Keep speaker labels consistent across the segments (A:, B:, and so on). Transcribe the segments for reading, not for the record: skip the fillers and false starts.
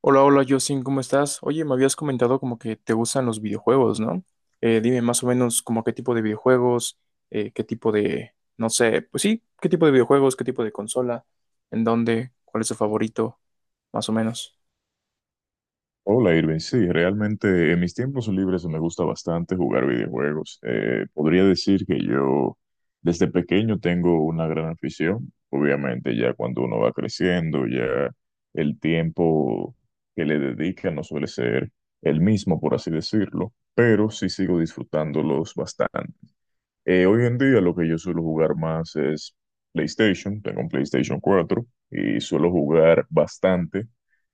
A: Hola, hola, Justin, ¿cómo estás? Oye, me habías comentado como que te gustan los videojuegos, ¿no? Dime más o menos como qué tipo de videojuegos, qué tipo de, no sé, pues sí, qué tipo de videojuegos, qué tipo de consola, en dónde, cuál es tu favorito, más o menos.
B: Hola Irving, sí, realmente en mis tiempos libres me gusta bastante jugar videojuegos. Podría decir que yo desde pequeño tengo una gran afición. Obviamente ya cuando uno va creciendo, ya el tiempo que le dedica no suele ser el mismo, por así decirlo, pero sí sigo disfrutándolos bastante. Hoy en día lo que yo suelo jugar más es PlayStation, tengo un PlayStation 4 y suelo jugar bastante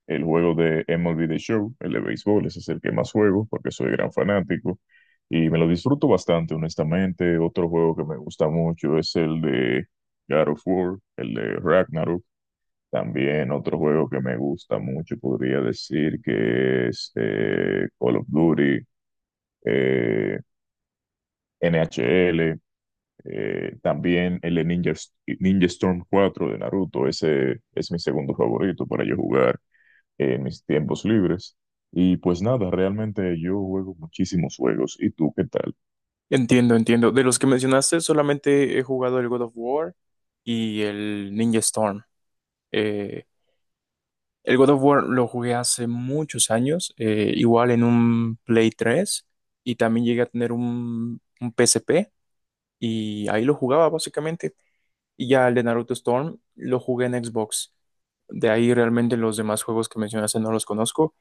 B: el juego de MLB The Show, el de béisbol, ese es el que más juego porque soy gran fanático y me lo disfruto bastante, honestamente. Otro juego que me gusta mucho es el de God of War, el de Ragnarok. También otro juego que me gusta mucho podría decir que es Call of Duty. Eh, NHL, también el de Ninja, Ninja Storm 4 de Naruto, ese es mi segundo favorito para yo jugar en mis tiempos libres. Y pues nada, realmente yo juego muchísimos juegos. ¿Y tú qué tal?
A: Entiendo, entiendo. De los que mencionaste, solamente he jugado el God of War y el Ninja Storm. Eh, el God of War lo jugué hace muchos años, igual en un Play 3 y también llegué a tener un PSP. Y ahí lo jugaba básicamente. Y ya el de Naruto Storm lo jugué en Xbox. De ahí realmente los demás juegos que mencionaste no los conozco.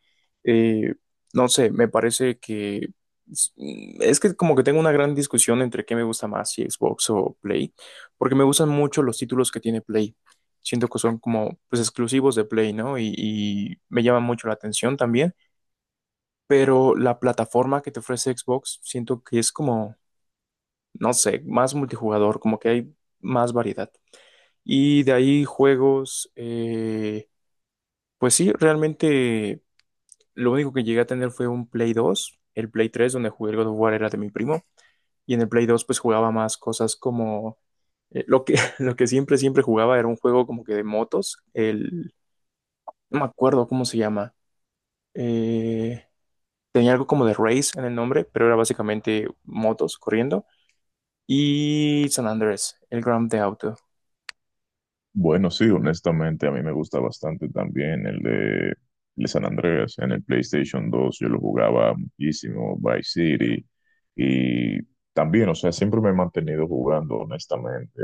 A: Eh, no sé, me parece que es es que como que tengo una gran discusión entre qué me gusta más, si Xbox o Play, porque me gustan mucho los títulos que tiene Play. Siento que son como pues exclusivos de Play, ¿no? Y me llama mucho la atención también, pero la plataforma que te ofrece Xbox siento que es como no sé, más multijugador, como que hay más variedad. Y de ahí juegos, pues sí, realmente lo único que llegué a tener fue un Play 2, el Play 3 donde jugué el God of War era de mi primo, y en el Play 2 pues jugaba más cosas como lo que, lo que siempre, siempre jugaba era un juego como que de motos, no me acuerdo cómo se llama, eh, tenía algo como de Race en el nombre, pero era básicamente motos corriendo, y San Andrés, el Grand Theft Auto.
B: Bueno, sí, honestamente a mí me gusta bastante también el de San Andreas en el PlayStation 2. Yo lo jugaba muchísimo, Vice City. Y también, o sea, siempre me he mantenido jugando, honestamente,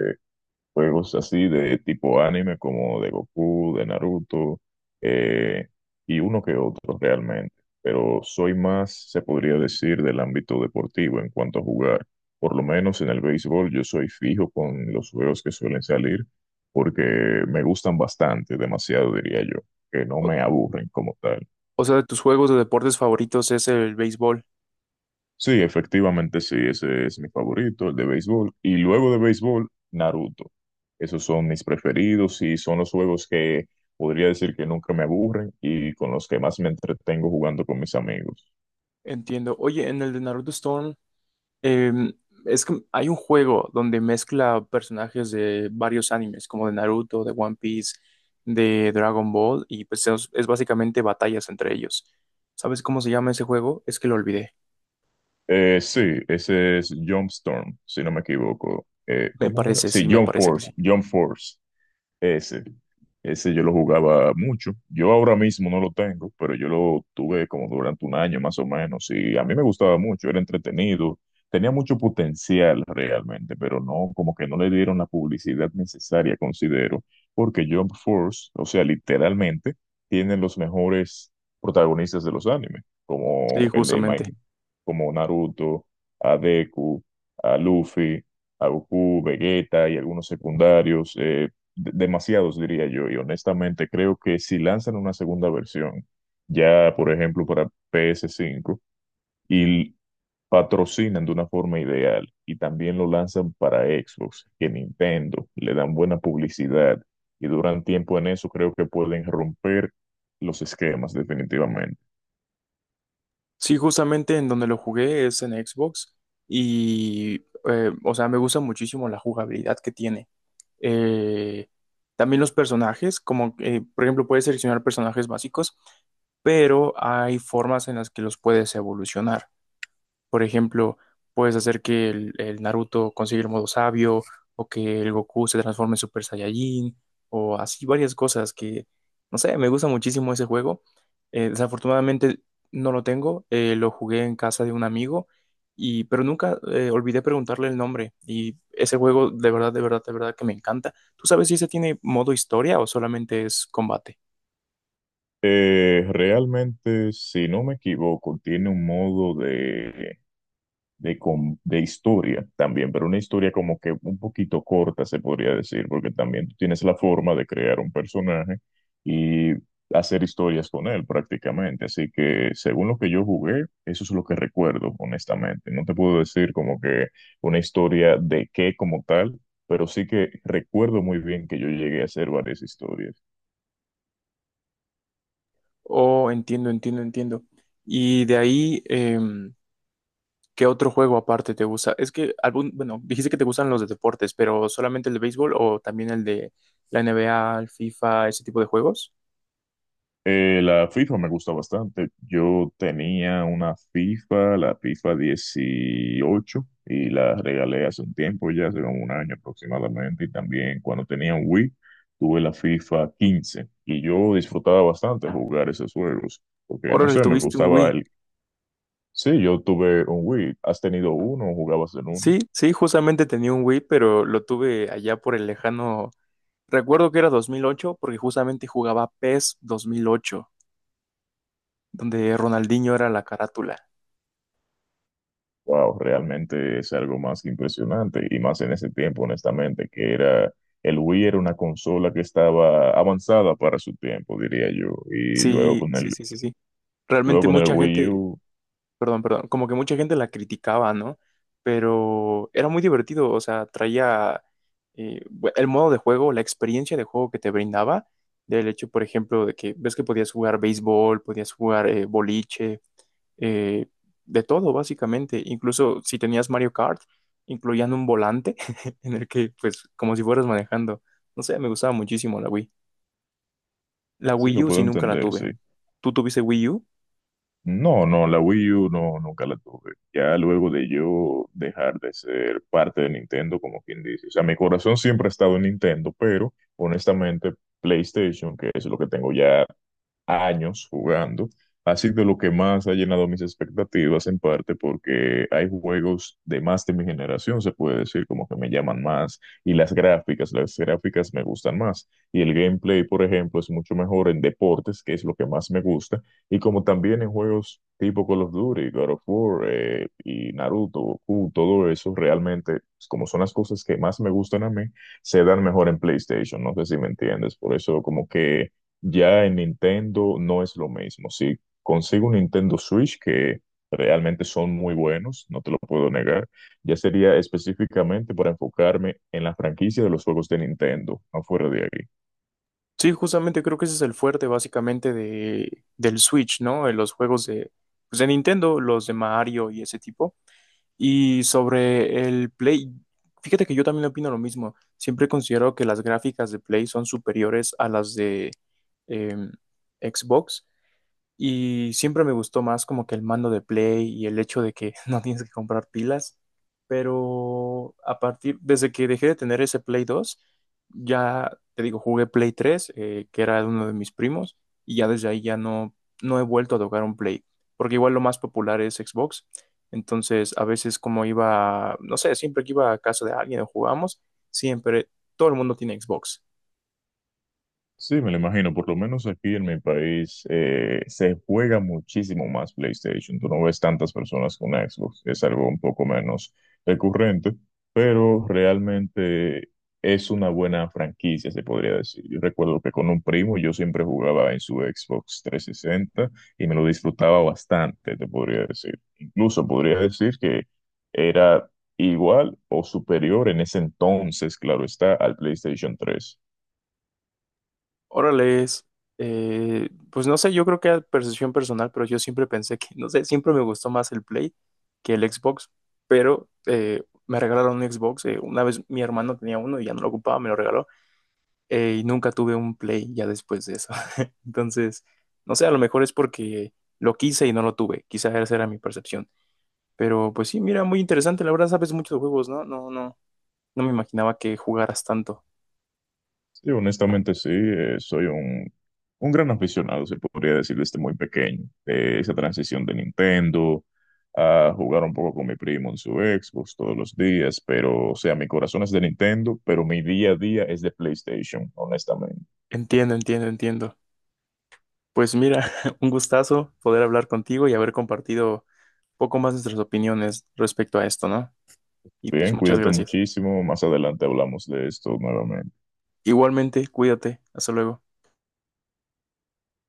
B: juegos así de tipo anime como de Goku, de Naruto, eh, y uno que otro realmente. Pero soy más, se podría decir, del ámbito deportivo en cuanto a jugar. Por lo menos en el béisbol yo soy fijo con los juegos que suelen salir porque me gustan bastante, demasiado diría yo, que no me aburren como tal.
A: O sea, de tus juegos de deportes favoritos es el béisbol.
B: Sí, efectivamente sí, ese es mi favorito, el de béisbol. Y luego de béisbol, Naruto. Esos son mis preferidos y son los juegos que podría decir que nunca me aburren y con los que más me entretengo jugando con mis amigos.
A: Entiendo. Oye, en el de Naruto Stone, em, es que hay un juego donde mezcla personajes de varios animes, como de Naruto, de One Piece, de Dragon Ball, y pues es básicamente batallas entre ellos. ¿Sabes cómo se llama ese juego? Es que lo olvidé.
B: Sí, ese es Jump Storm, si no me equivoco.
A: Me
B: ¿Cómo era?
A: parece,
B: Sí,
A: sí, me
B: Jump
A: parece que
B: Force,
A: sí.
B: Jump Force. Ese, ese yo lo jugaba mucho. Yo ahora mismo no lo tengo, pero yo lo tuve como durante un año más o menos. Y a mí me gustaba mucho, era entretenido, tenía mucho potencial realmente, pero no, como que no le dieron la publicidad necesaria, considero, porque Jump Force, o sea, literalmente, tienen los mejores protagonistas de los animes, como
A: Sí,
B: el de
A: justamente.
B: My, como Naruto, a Deku, a Luffy a Goku, Vegeta y algunos secundarios. Demasiados, diría yo, y honestamente creo que si lanzan una segunda versión, ya por ejemplo para PS5, y patrocinan de una forma ideal, y también lo lanzan para Xbox, que Nintendo, le dan buena publicidad, y duran tiempo en eso, creo que pueden romper los esquemas definitivamente.
A: Sí, justamente en donde lo jugué es en Xbox y, o sea, me gusta muchísimo la jugabilidad que tiene. eh, también los personajes, como por ejemplo puedes seleccionar personajes básicos, pero hay formas en las que los puedes evolucionar. Por ejemplo, puedes hacer que el Naruto consiga el modo sabio o que el Goku se transforme en Super Saiyajin o así varias cosas que, no sé, me gusta muchísimo ese juego. Desafortunadamente no lo tengo, lo jugué en casa de un amigo y pero nunca olvidé preguntarle el nombre y ese juego de verdad, de verdad, de verdad que me encanta. ¿Tú sabes si ese tiene modo historia o solamente es combate?
B: Realmente, si no me equivoco, tiene un modo de historia también, pero una historia como que un poquito corta, se podría decir, porque también tú tienes la forma de crear un personaje y hacer historias con él prácticamente. Así que según lo que yo jugué, eso es lo que recuerdo, honestamente. No te puedo decir como que una historia de qué como tal, pero sí que recuerdo muy bien que yo llegué a hacer varias historias.
A: Oh, entiendo, entiendo, entiendo. Y de ahí, ¿qué otro juego aparte te gusta? Es que bueno, dijiste que te gustan los de deportes, pero solamente el de béisbol o también el de la NBA, el FIFA, ese tipo de juegos.
B: La FIFA me gusta bastante. Yo tenía una FIFA, la FIFA 18, y la regalé hace un tiempo, ya hace como un año aproximadamente. Y también cuando tenía un Wii, tuve la FIFA 15. Y yo disfrutaba bastante jugar esos juegos, porque no
A: Órale,
B: sé, me
A: tuviste un
B: gustaba
A: Wii.
B: el... Sí, yo tuve un Wii. ¿Has tenido uno o jugabas en uno?
A: Sí, sí, justamente tenía un Wii, pero lo tuve allá por el lejano. Recuerdo que era 2008, porque justamente jugaba PES 2008, donde Ronaldinho era la carátula.
B: Wow, realmente es algo más que impresionante y más en ese tiempo, honestamente, que era el Wii era una consola que estaba avanzada para su tiempo, diría yo,
A: Sí, sí, sí, sí, sí.
B: luego
A: Realmente
B: con el
A: mucha
B: Wii
A: gente,
B: U,
A: perdón, perdón, como que mucha gente la criticaba, ¿no? Pero era muy divertido, o sea, traía el modo de juego, la experiencia de juego que te brindaba, del hecho, por ejemplo, de que ves que podías jugar béisbol, podías jugar boliche, eh, de todo, básicamente, incluso si tenías Mario Kart, incluían un volante en el que, pues, como si fueras manejando, no sé, me gustaba muchísimo la Wii. La
B: sí lo
A: Wii U
B: puedo
A: sí nunca la
B: entender, sí.
A: tuve. ¿Tú tuviste Wii U?
B: No, no, la Wii U no nunca la tuve. Ya luego de yo dejar de ser parte de Nintendo, como quien dice, o sea, mi corazón siempre ha estado en Nintendo, pero honestamente PlayStation, que es lo que tengo ya años jugando, ha sido lo que más ha llenado mis expectativas, en parte porque hay juegos de más de mi generación, se puede decir, como que me llaman más, y las gráficas me gustan más, y el gameplay, por ejemplo, es mucho mejor en deportes, que es lo que más me gusta, y como también en juegos tipo Call of Duty, God of War, y Naruto, Goku, todo eso, realmente, pues, como son las cosas que más me gustan a mí, se dan mejor en PlayStation, no sé si me entiendes, por eso como que ya en Nintendo no es lo mismo. Si consigo un Nintendo Switch, que realmente son muy buenos, no te lo puedo negar, ya sería específicamente para enfocarme en la franquicia de los juegos de Nintendo, no fuera de ahí.
A: Sí, justamente creo que ese es el fuerte básicamente del Switch, ¿no? En los juegos pues de Nintendo, los de Mario y ese tipo. Y sobre el Play, fíjate que yo también opino lo mismo. Siempre considero que las gráficas de Play son superiores a las de em, Xbox. Y siempre me gustó más como que el mando de Play y el hecho de que no tienes que comprar pilas. Pero desde que dejé de tener ese Play 2 ya te digo, jugué Play 3 que era de uno de mis primos, y ya desde ahí ya no he vuelto a tocar un Play. Porque igual lo más popular es Xbox. Entonces, a veces como iba, no sé, siempre que iba a casa de alguien o jugamos, siempre todo el mundo tiene Xbox.
B: Sí, me lo imagino. Por lo menos aquí en mi país se juega muchísimo más PlayStation. Tú no ves tantas personas con Xbox. Es algo un poco menos recurrente, pero realmente es una buena franquicia, se podría decir. Yo recuerdo que con un primo yo siempre jugaba en su Xbox 360 y me lo disfrutaba bastante, te podría decir. Incluso podría decir que era igual o superior en ese entonces, claro está, al PlayStation 3.
A: Órale, pues no sé, yo creo que era percepción personal, pero yo siempre pensé que, no sé, siempre me gustó más el Play que el Xbox, pero me regalaron un Xbox, una vez mi hermano tenía uno y ya no lo ocupaba, me lo regaló, y nunca tuve un Play ya después de eso. Entonces, no sé, a lo mejor es porque lo quise y no lo tuve, quizás esa era mi percepción, pero pues sí, mira, muy interesante, la verdad sabes mucho de juegos, ¿no? No, no, no me imaginaba que jugaras tanto.
B: Sí, honestamente sí, un gran aficionado, se podría decir desde muy pequeño. Esa transición de Nintendo a jugar un poco con mi primo en su Xbox todos los días, pero o sea, mi corazón es de Nintendo, pero mi día a día es de PlayStation, honestamente.
A: Entiendo, entiendo, entiendo. Pues mira, un gustazo poder hablar contigo y haber compartido un poco más nuestras opiniones respecto a esto, ¿no? Y pues
B: Bien,
A: muchas
B: cuídate
A: gracias.
B: muchísimo, más adelante hablamos de esto nuevamente.
A: Igualmente, cuídate. Hasta luego.